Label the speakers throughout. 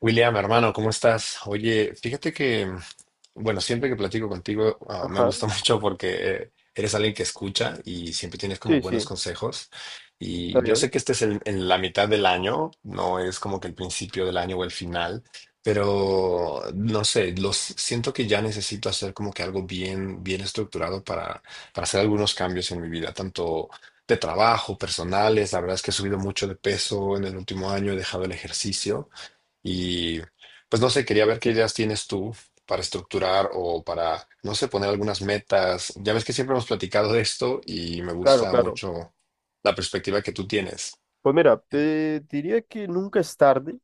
Speaker 1: William, hermano, ¿cómo estás? Oye, fíjate que, bueno, siempre que platico contigo, me
Speaker 2: Ajá,
Speaker 1: gusta mucho porque eres alguien que escucha y siempre tienes como
Speaker 2: sí,
Speaker 1: buenos
Speaker 2: sí,
Speaker 1: consejos.
Speaker 2: está
Speaker 1: Y yo sé
Speaker 2: bien.
Speaker 1: que en la mitad del año, no es como que el principio del año o el final, pero no sé, los siento que ya necesito hacer como que algo bien, bien estructurado para hacer algunos cambios en mi vida, tanto de trabajo, personales. La verdad es que he subido mucho de peso en el último año, he dejado el ejercicio. Y pues no sé, quería ver qué ideas tienes tú para estructurar o para, no sé, poner algunas metas. Ya ves que siempre hemos platicado de esto y me
Speaker 2: Claro,
Speaker 1: gusta
Speaker 2: claro.
Speaker 1: mucho la perspectiva que tú tienes.
Speaker 2: Pues mira, diría que nunca es tarde,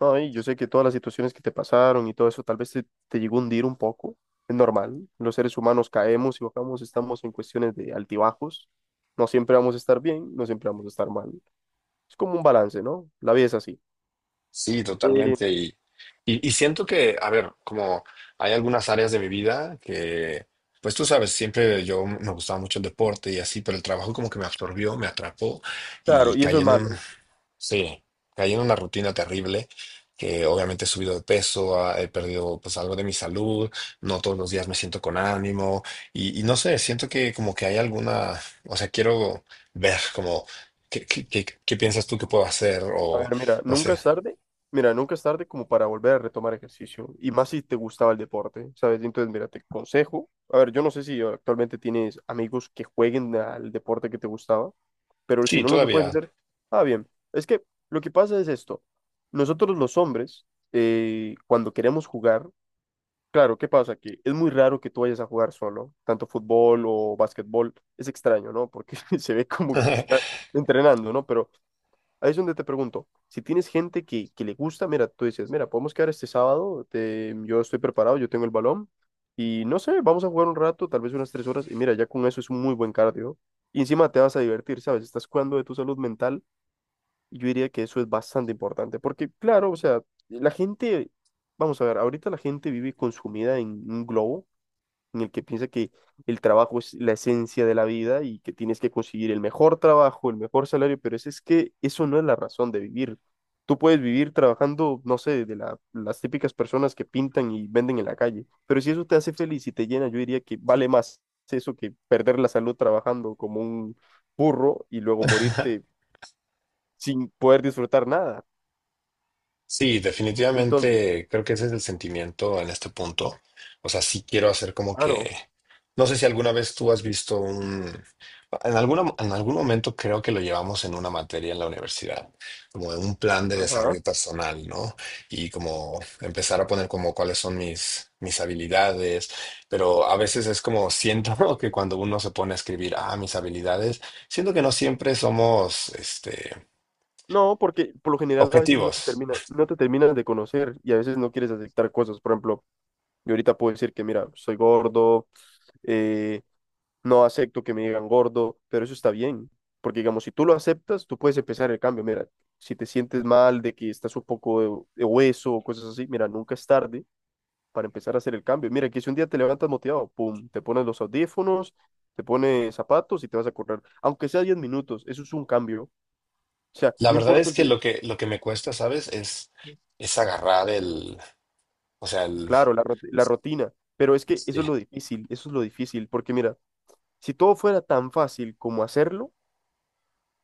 Speaker 2: ¿no? Y yo sé que todas las situaciones que te pasaron y todo eso tal vez te llegó a hundir un poco. Es normal. Los seres humanos caemos y bajamos, estamos en cuestiones de altibajos. No siempre vamos a estar bien, no siempre vamos a estar mal. Es como un balance, ¿no? La vida es así.
Speaker 1: Sí,
Speaker 2: Eh,
Speaker 1: totalmente. Y siento que, a ver, como hay algunas áreas de mi vida que, pues tú sabes, siempre yo me gustaba mucho el deporte y así, pero el trabajo como que me absorbió, me atrapó
Speaker 2: claro,
Speaker 1: y
Speaker 2: y eso es malo.
Speaker 1: sí, caí en una rutina terrible, que obviamente he subido de peso, he perdido pues algo de mi salud, no todos los días me siento con ánimo y no sé, siento que como que hay alguna, o sea, quiero ver como qué piensas tú que puedo hacer
Speaker 2: A
Speaker 1: o
Speaker 2: ver, mira,
Speaker 1: no
Speaker 2: nunca
Speaker 1: sé.
Speaker 2: es tarde, mira, nunca es tarde como para volver a retomar ejercicio, y más si te gustaba el deporte, ¿sabes? Entonces, mira, te aconsejo, a ver, yo no sé si actualmente tienes amigos que jueguen al deporte que te gustaba, pero si
Speaker 1: Sí,
Speaker 2: no, lo que puedes
Speaker 1: todavía.
Speaker 2: hacer, ah, bien, es que lo que pasa es esto, nosotros los hombres, cuando queremos jugar, claro, ¿qué pasa? Que es muy raro que tú vayas a jugar solo, tanto fútbol o básquetbol, es extraño, ¿no? Porque se ve como que está entrenando, ¿no? Pero ahí es donde te pregunto, si tienes gente que le gusta, mira, tú dices, mira, podemos quedar este sábado, yo estoy preparado, yo tengo el balón y no sé, vamos a jugar un rato, tal vez unas 3 horas y mira, ya con eso es un muy buen cardio y encima te vas a divertir, ¿sabes? Estás cuidando de tu salud mental y yo diría que eso es bastante importante porque, claro, o sea, la gente, vamos a ver, ahorita la gente vive consumida en un globo en el que piensa que el trabajo es la esencia de la vida y que tienes que conseguir el mejor trabajo, el mejor salario, pero es que eso no es la razón de vivir. Tú puedes vivir trabajando, no sé, las típicas personas que pintan y venden en la calle, pero si eso te hace feliz y te llena, yo diría que vale más eso que perder la salud trabajando como un burro y luego morirte sin poder disfrutar nada.
Speaker 1: Sí,
Speaker 2: Entonces,
Speaker 1: definitivamente creo que ese es el sentimiento en este punto. O sea, sí quiero hacer como
Speaker 2: claro,
Speaker 1: que, no sé si alguna vez tú has visto un, en alguna, en algún momento creo que lo llevamos en una materia en la universidad, como de un plan de
Speaker 2: ajá.
Speaker 1: desarrollo personal, ¿no? Y como empezar a poner como cuáles son mis habilidades, pero a veces es como siento que cuando uno se pone a escribir, mis habilidades, siento que no siempre somos, este,
Speaker 2: No, porque por lo general a veces
Speaker 1: objetivos.
Speaker 2: no te terminas de conocer y a veces no quieres aceptar cosas. Por ejemplo, yo ahorita puedo decir que, mira, soy gordo, eh, no acepto que me digan gordo, pero eso está bien. Porque, digamos, si tú lo aceptas, tú puedes empezar el cambio. Mira, si te sientes mal de que estás un poco de hueso o cosas así, mira, nunca es tarde para empezar a hacer el cambio. Mira, que si un día te levantas motivado, pum, te pones los audífonos, te pones zapatos y te vas a correr. Aunque sea 10 minutos, eso es un cambio. O sea,
Speaker 1: La
Speaker 2: no
Speaker 1: verdad
Speaker 2: importa.
Speaker 1: es
Speaker 2: Si
Speaker 1: que lo que me cuesta, ¿sabes? Es agarrar el, o sea, el
Speaker 2: claro, la rutina, pero es que eso es
Speaker 1: eh,
Speaker 2: lo difícil, eso es lo difícil, porque mira, si todo fuera tan fácil como hacerlo,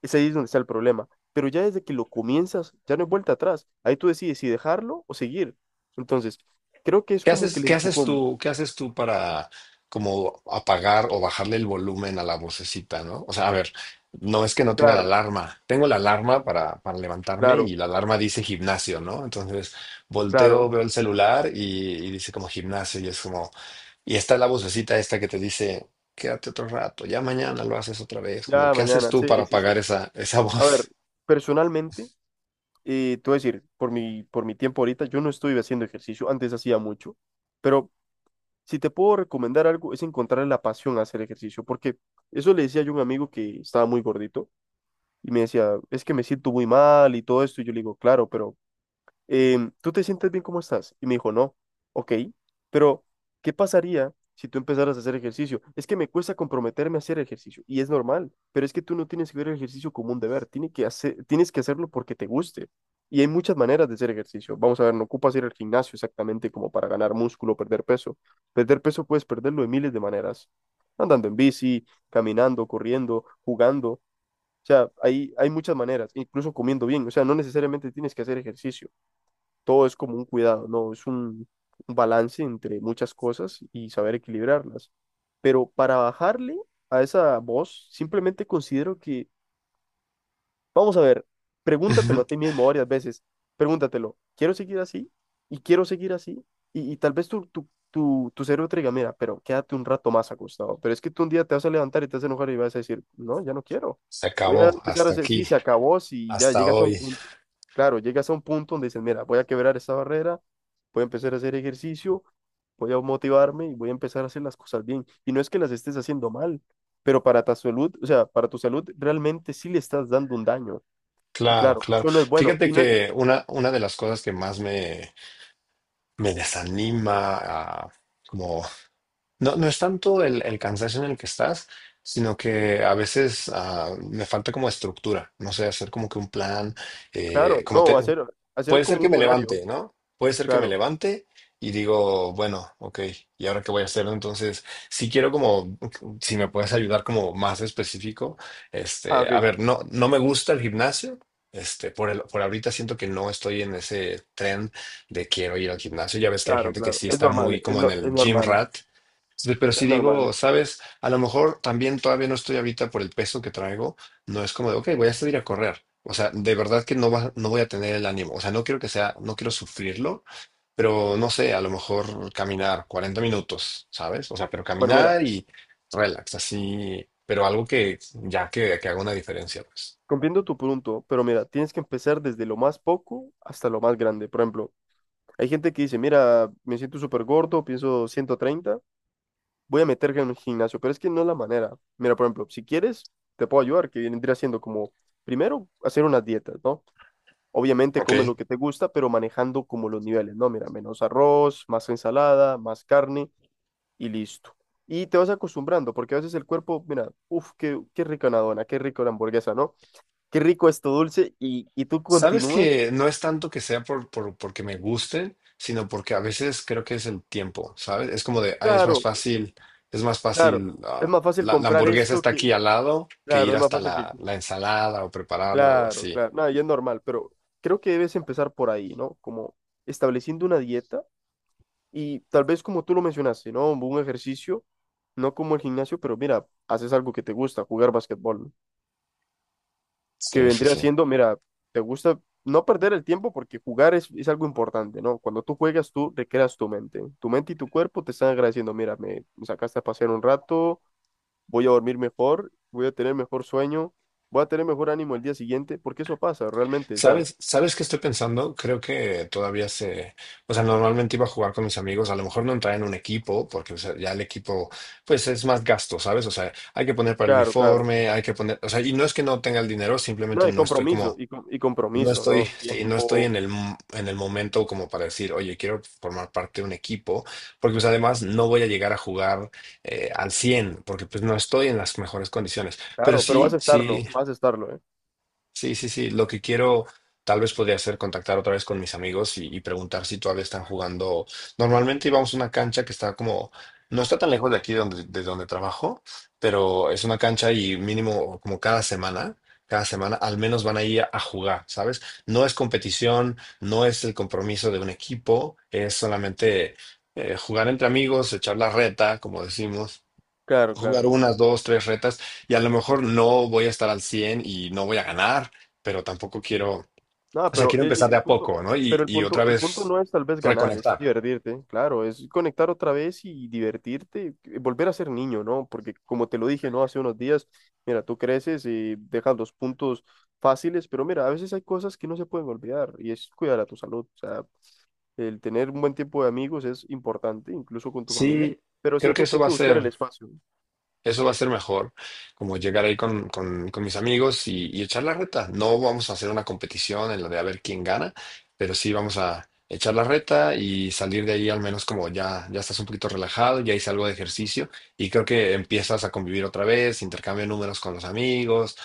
Speaker 2: es ahí es donde está el problema, pero ya desde que lo comienzas, ya no hay vuelta atrás, ahí tú decides si dejarlo o seguir. Entonces, creo que es
Speaker 1: ¿qué
Speaker 2: como que
Speaker 1: haces
Speaker 2: el
Speaker 1: qué haces
Speaker 2: empujón.
Speaker 1: tú qué haces tú para como apagar o bajarle el volumen a la vocecita, ¿no? O sea, a ver, no es que no tenga la
Speaker 2: Claro,
Speaker 1: alarma. Tengo la alarma para levantarme
Speaker 2: claro,
Speaker 1: y la alarma dice gimnasio, ¿no? Entonces, volteo,
Speaker 2: claro,
Speaker 1: veo el celular y dice como gimnasio y es como y está la vocecita esta que te dice: quédate otro rato, ya mañana lo haces otra vez. Como,
Speaker 2: ya
Speaker 1: ¿qué haces
Speaker 2: mañana,
Speaker 1: tú
Speaker 2: sí,
Speaker 1: para
Speaker 2: sí, sí.
Speaker 1: apagar esa
Speaker 2: A ver,
Speaker 1: voz?
Speaker 2: personalmente, te voy a decir, por mi tiempo ahorita, yo no estoy haciendo ejercicio, antes hacía mucho, pero si te puedo recomendar algo, es encontrar la pasión a hacer ejercicio, porque eso le decía yo a un amigo que estaba muy gordito y me decía, es que me siento muy mal y todo esto, y yo le digo, claro, pero ¿tú te sientes bien como estás? Y me dijo, no, ok, pero ¿qué pasaría si tú empezaras a hacer ejercicio? Es que me cuesta comprometerme a hacer ejercicio y es normal, pero es que tú no tienes que ver el ejercicio como un deber, tienes que hacerlo porque te guste. Y hay muchas maneras de hacer ejercicio. Vamos a ver, no ocupas ir al gimnasio exactamente como para ganar músculo o perder peso. Perder peso puedes perderlo de miles de maneras. Andando en bici, caminando, corriendo, jugando. O sea, hay muchas maneras, incluso comiendo bien. O sea, no necesariamente tienes que hacer ejercicio, todo es como un cuidado, ¿no? Es un balance entre muchas cosas y saber equilibrarlas. Pero para bajarle a esa voz, simplemente considero que vamos a ver, pregúntatelo
Speaker 1: Ujú.
Speaker 2: a ti mismo varias veces. Pregúntatelo, ¿quiero seguir así? ¿Y quiero seguir así? Y tal vez tu cerebro te diga, mira, pero quédate un rato más acostado. Pero es que tú un día te vas a levantar y te vas a enojar y vas a decir, no, ya no quiero.
Speaker 1: Se
Speaker 2: Voy a
Speaker 1: acabó,
Speaker 2: empezar a
Speaker 1: hasta
Speaker 2: hacer,
Speaker 1: aquí,
Speaker 2: sí, se acabó, si ya
Speaker 1: hasta
Speaker 2: llegas a un
Speaker 1: hoy.
Speaker 2: punto. Claro, llegas a un punto donde dices, mira, voy a quebrar esta barrera, voy a empezar a hacer ejercicio, voy a motivarme y voy a empezar a hacer las cosas bien. Y no es que las estés haciendo mal, pero para tu salud, o sea, para tu salud realmente sí le estás dando un daño. Y
Speaker 1: Claro,
Speaker 2: claro,
Speaker 1: claro.
Speaker 2: eso no es bueno.
Speaker 1: Fíjate
Speaker 2: Y no es,
Speaker 1: que una de las cosas que más me desanima, como no es tanto el cansancio en el que estás, sino que a veces me falta como estructura, no sé, hacer como que un plan, eh,
Speaker 2: claro,
Speaker 1: como
Speaker 2: no,
Speaker 1: te-
Speaker 2: hacer, hacer
Speaker 1: puede ser
Speaker 2: como
Speaker 1: que
Speaker 2: un
Speaker 1: me
Speaker 2: horario.
Speaker 1: levante, ¿no? Puede ser que me
Speaker 2: Claro.
Speaker 1: levante y digo, bueno, ok, ¿y ahora qué voy a hacer? Entonces, si quiero como, si me puedes ayudar como más específico,
Speaker 2: Ah,
Speaker 1: este, a
Speaker 2: ok.
Speaker 1: ver, no, no me gusta el gimnasio. Este, por ahorita siento que no estoy en ese tren de quiero ir al gimnasio. Ya ves que hay
Speaker 2: Claro,
Speaker 1: gente que
Speaker 2: claro.
Speaker 1: sí
Speaker 2: Es
Speaker 1: está muy
Speaker 2: normal, es,
Speaker 1: como en
Speaker 2: no- es
Speaker 1: el gym
Speaker 2: normal,
Speaker 1: rat. Sí, pero
Speaker 2: es
Speaker 1: si digo,
Speaker 2: normal.
Speaker 1: sabes, a lo mejor también todavía no estoy ahorita por el peso que traigo, no es como de, ok, voy a salir a correr. O sea, de verdad que no voy a tener el ánimo. O sea, no quiero sufrirlo, pero no sé, a lo mejor caminar 40 minutos, ¿sabes? O sea, pero
Speaker 2: Bueno, mira,
Speaker 1: caminar y relax, así, pero algo que ya que haga una diferencia, pues.
Speaker 2: comprendo tu punto, pero mira, tienes que empezar desde lo más poco hasta lo más grande. Por ejemplo, hay gente que dice, mira, me siento súper gordo, pienso 130, voy a meterme en un gimnasio, pero es que no es la manera. Mira, por ejemplo, si quieres, te puedo ayudar, que vendría siendo como, primero, hacer unas dietas, ¿no? Obviamente
Speaker 1: Ok.
Speaker 2: come lo que te gusta, pero manejando como los niveles, ¿no? Mira, menos arroz, más ensalada, más carne y listo. Y te vas acostumbrando, porque a veces el cuerpo, mira, uff, qué rica una dona, qué rica una hamburguesa, ¿no? Qué rico esto dulce y tú
Speaker 1: Sabes
Speaker 2: continúas.
Speaker 1: que no es tanto que sea porque me gusten, sino porque a veces creo que es el tiempo, ¿sabes? Es como de, ay, es más
Speaker 2: Claro,
Speaker 1: fácil,
Speaker 2: claro, es más fácil
Speaker 1: la, la
Speaker 2: comprar
Speaker 1: hamburguesa
Speaker 2: esto
Speaker 1: está
Speaker 2: que,
Speaker 1: aquí al lado que
Speaker 2: claro,
Speaker 1: ir
Speaker 2: es más
Speaker 1: hasta
Speaker 2: fácil que,
Speaker 1: la, la ensalada o prepararla o
Speaker 2: claro,
Speaker 1: así.
Speaker 2: claro, nada, y es normal, pero creo que debes empezar por ahí, ¿no? Como estableciendo una dieta. Y tal vez como tú lo mencionaste, ¿no? Un ejercicio, no como el gimnasio, pero mira, haces algo que te gusta, jugar basquetbol, ¿no? Que
Speaker 1: Sí, sí,
Speaker 2: vendría
Speaker 1: sí.
Speaker 2: siendo, mira, te gusta no perder el tiempo porque jugar es algo importante, ¿no? Cuando tú juegas, tú recreas tu mente. Tu mente y tu cuerpo te están agradeciendo, mira, me sacaste a pasear un rato, voy a dormir mejor, voy a tener mejor sueño, voy a tener mejor ánimo el día siguiente, porque eso pasa realmente, o sea,
Speaker 1: ¿Sabes qué estoy pensando? Creo que o sea, normalmente iba a jugar con mis amigos, a lo mejor no traen un equipo, porque o sea, ya el equipo, pues es más gasto, ¿sabes? O sea, hay que poner para el
Speaker 2: claro, claro.
Speaker 1: uniforme, hay que poner, o sea, y no es que no tenga el dinero, simplemente
Speaker 2: No, y
Speaker 1: no estoy
Speaker 2: compromiso,
Speaker 1: como
Speaker 2: y compromiso, ¿no?
Speaker 1: Sí, no estoy
Speaker 2: Tiempo,
Speaker 1: en el, en el momento como para decir, oye, quiero formar parte de un equipo, porque pues además no voy a llegar a jugar al 100 porque pues no estoy en las mejores condiciones. Pero
Speaker 2: claro, pero
Speaker 1: sí, sí,
Speaker 2: vas a estarlo, ¿eh?
Speaker 1: sí, sí, sí. Lo que quiero tal vez podría ser contactar otra vez con mis amigos y preguntar si todavía están jugando. Normalmente íbamos a una cancha que está como, no está tan lejos de aquí donde, de donde trabajo, pero es una cancha y mínimo como cada semana al menos van ahí a jugar, ¿sabes? No es competición, no es el compromiso de un equipo, es solamente jugar entre amigos, echar la reta, como decimos
Speaker 2: Claro,
Speaker 1: jugar
Speaker 2: claro.
Speaker 1: dos, tres retas y a lo mejor no voy a estar al 100 y no voy a ganar, pero tampoco quiero, o
Speaker 2: Nada,
Speaker 1: sea,
Speaker 2: pero
Speaker 1: quiero empezar de
Speaker 2: el
Speaker 1: a
Speaker 2: punto,
Speaker 1: poco, ¿no?
Speaker 2: pero
Speaker 1: Y otra
Speaker 2: el punto
Speaker 1: vez
Speaker 2: no es tal vez ganar, es
Speaker 1: reconectar.
Speaker 2: divertirte, claro, es conectar otra vez y divertirte, volver a ser niño, ¿no? Porque como te lo dije, ¿no? Hace unos días, mira, tú creces y dejas los puntos fáciles, pero mira, a veces hay cosas que no se pueden olvidar y es cuidar a tu salud, o sea, el tener un buen tiempo de amigos es importante, incluso con tu familia,
Speaker 1: Sí,
Speaker 2: pero
Speaker 1: creo que
Speaker 2: siento que
Speaker 1: eso
Speaker 2: hay
Speaker 1: va a
Speaker 2: que buscar el
Speaker 1: ser.
Speaker 2: espacio, ¿no?
Speaker 1: Eso va a ser mejor, como llegar ahí con, con mis amigos y echar la reta. No vamos a hacer una competición en la de a ver quién gana, pero sí vamos a echar la reta y salir de ahí al menos como ya, ya estás un poquito relajado, ya hice algo de ejercicio y creo que empiezas a convivir otra vez, intercambio de números con los amigos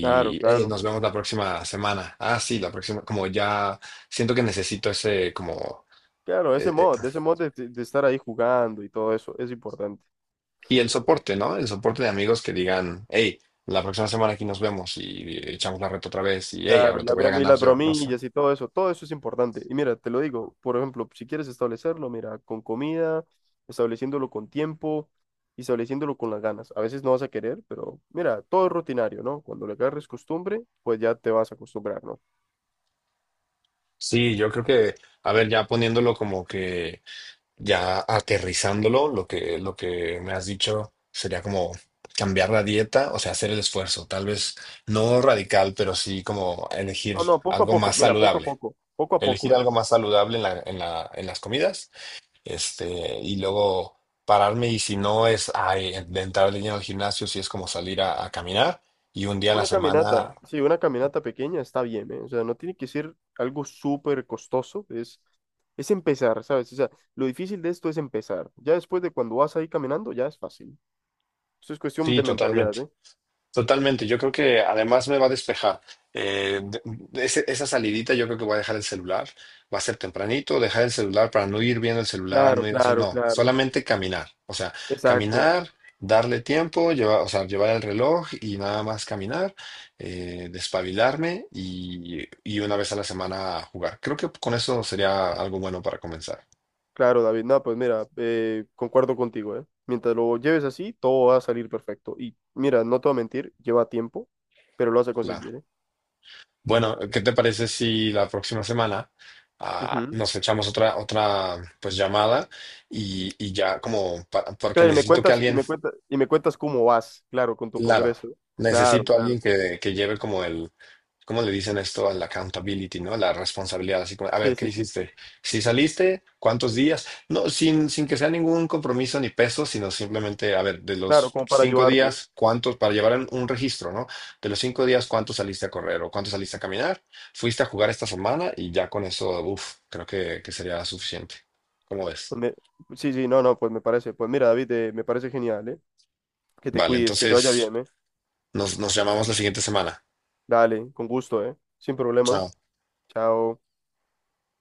Speaker 2: Claro,
Speaker 1: "Hey,
Speaker 2: claro.
Speaker 1: nos vemos la próxima semana. Ah, sí, la próxima", como ya siento que necesito ese como.
Speaker 2: Claro, ese
Speaker 1: e,
Speaker 2: mod, de estar ahí jugando y todo eso es importante.
Speaker 1: Y el soporte, ¿no? El soporte de amigos que digan: hey, la próxima semana aquí nos vemos y echamos la reta otra vez y hey,
Speaker 2: Claro,
Speaker 1: ahora
Speaker 2: y
Speaker 1: te voy a
Speaker 2: y
Speaker 1: ganar
Speaker 2: las
Speaker 1: yo, no sé.
Speaker 2: bromillas y todo eso es importante. Y mira, te lo digo, por ejemplo, si quieres establecerlo, mira, con comida, estableciéndolo con tiempo y estableciéndolo con las ganas. A veces no vas a querer, pero mira, todo es rutinario, ¿no? Cuando le agarres costumbre, pues ya te vas a acostumbrar, ¿no?
Speaker 1: Sí, yo creo que, a ver, ya poniéndolo como que, ya aterrizándolo, lo que me has dicho sería como cambiar la dieta, o sea, hacer el esfuerzo, tal vez no radical, pero sí como elegir
Speaker 2: No, no, poco a
Speaker 1: algo
Speaker 2: poco,
Speaker 1: más
Speaker 2: mira,
Speaker 1: saludable.
Speaker 2: poco a poco,
Speaker 1: Elegir
Speaker 2: ¿eh?
Speaker 1: algo más saludable en la, en la, en las comidas. Este, y luego pararme y si no es ay, de entrar de lleno al gimnasio, si es como salir a caminar y un día a la
Speaker 2: Una caminata,
Speaker 1: semana,
Speaker 2: sí, una caminata pequeña está bien, ¿eh? O sea, no tiene que ser algo súper costoso, es... Es empezar, ¿sabes? O sea, lo difícil de esto es empezar. Ya después de cuando vas ahí caminando, ya es fácil. Eso es cuestión
Speaker 1: sí,
Speaker 2: de mentalidad,
Speaker 1: totalmente.
Speaker 2: ¿eh?
Speaker 1: Totalmente, yo creo que además me va a despejar. Esa salidita yo creo que voy a dejar el celular, va a ser tempranito, dejar el celular para no ir viendo el celular,
Speaker 2: Claro,
Speaker 1: no ir haciendo,
Speaker 2: claro,
Speaker 1: no,
Speaker 2: claro.
Speaker 1: solamente caminar, o sea,
Speaker 2: Exacto.
Speaker 1: caminar, darle tiempo, llevar, o sea, llevar el reloj y nada más caminar, despabilarme y una vez a la semana jugar. Creo que con eso sería algo bueno para comenzar.
Speaker 2: Claro, David. No, pues mira, concuerdo contigo, ¿eh? Mientras lo lleves así, todo va a salir perfecto. Y mira, no te voy a mentir, lleva tiempo, pero lo vas a
Speaker 1: Claro.
Speaker 2: conseguir, ¿eh?
Speaker 1: Bueno, ¿qué te parece si la próxima semana
Speaker 2: Ujú.
Speaker 1: nos echamos otra pues llamada y ya como porque
Speaker 2: Claro, y me
Speaker 1: necesito que
Speaker 2: cuentas, y
Speaker 1: alguien.
Speaker 2: me cuentas, y me cuentas cómo vas, claro, con tu
Speaker 1: Claro,
Speaker 2: progreso. Claro,
Speaker 1: necesito a
Speaker 2: claro.
Speaker 1: alguien que lleve como el, ¿cómo le dicen esto? Al accountability, ¿no? La responsabilidad, así como, a ver,
Speaker 2: Sí,
Speaker 1: ¿qué
Speaker 2: sí, sí,
Speaker 1: hiciste?
Speaker 2: sí.
Speaker 1: Si saliste, ¿cuántos días? No, sin, sin que sea ningún compromiso ni peso, sino simplemente, a ver, de
Speaker 2: Claro,
Speaker 1: los
Speaker 2: como para
Speaker 1: cinco
Speaker 2: ayudarte, ¿eh?
Speaker 1: días, ¿cuántos? Para llevar un registro, ¿no? De los cinco días, ¿cuántos saliste a correr o cuántos saliste a caminar? ¿Fuiste a jugar esta semana? Y ya con eso, uff, creo que sería suficiente. ¿Cómo ves?
Speaker 2: Pues me- sí, sí, no, no, pues me parece. Pues mira, David, me parece genial, ¿eh? Que te
Speaker 1: Vale,
Speaker 2: cuides, que te vaya
Speaker 1: entonces
Speaker 2: bien, ¿eh?
Speaker 1: nos, nos llamamos la siguiente semana.
Speaker 2: Dale, con gusto, ¿eh? Sin problema.
Speaker 1: Chao.
Speaker 2: Chao.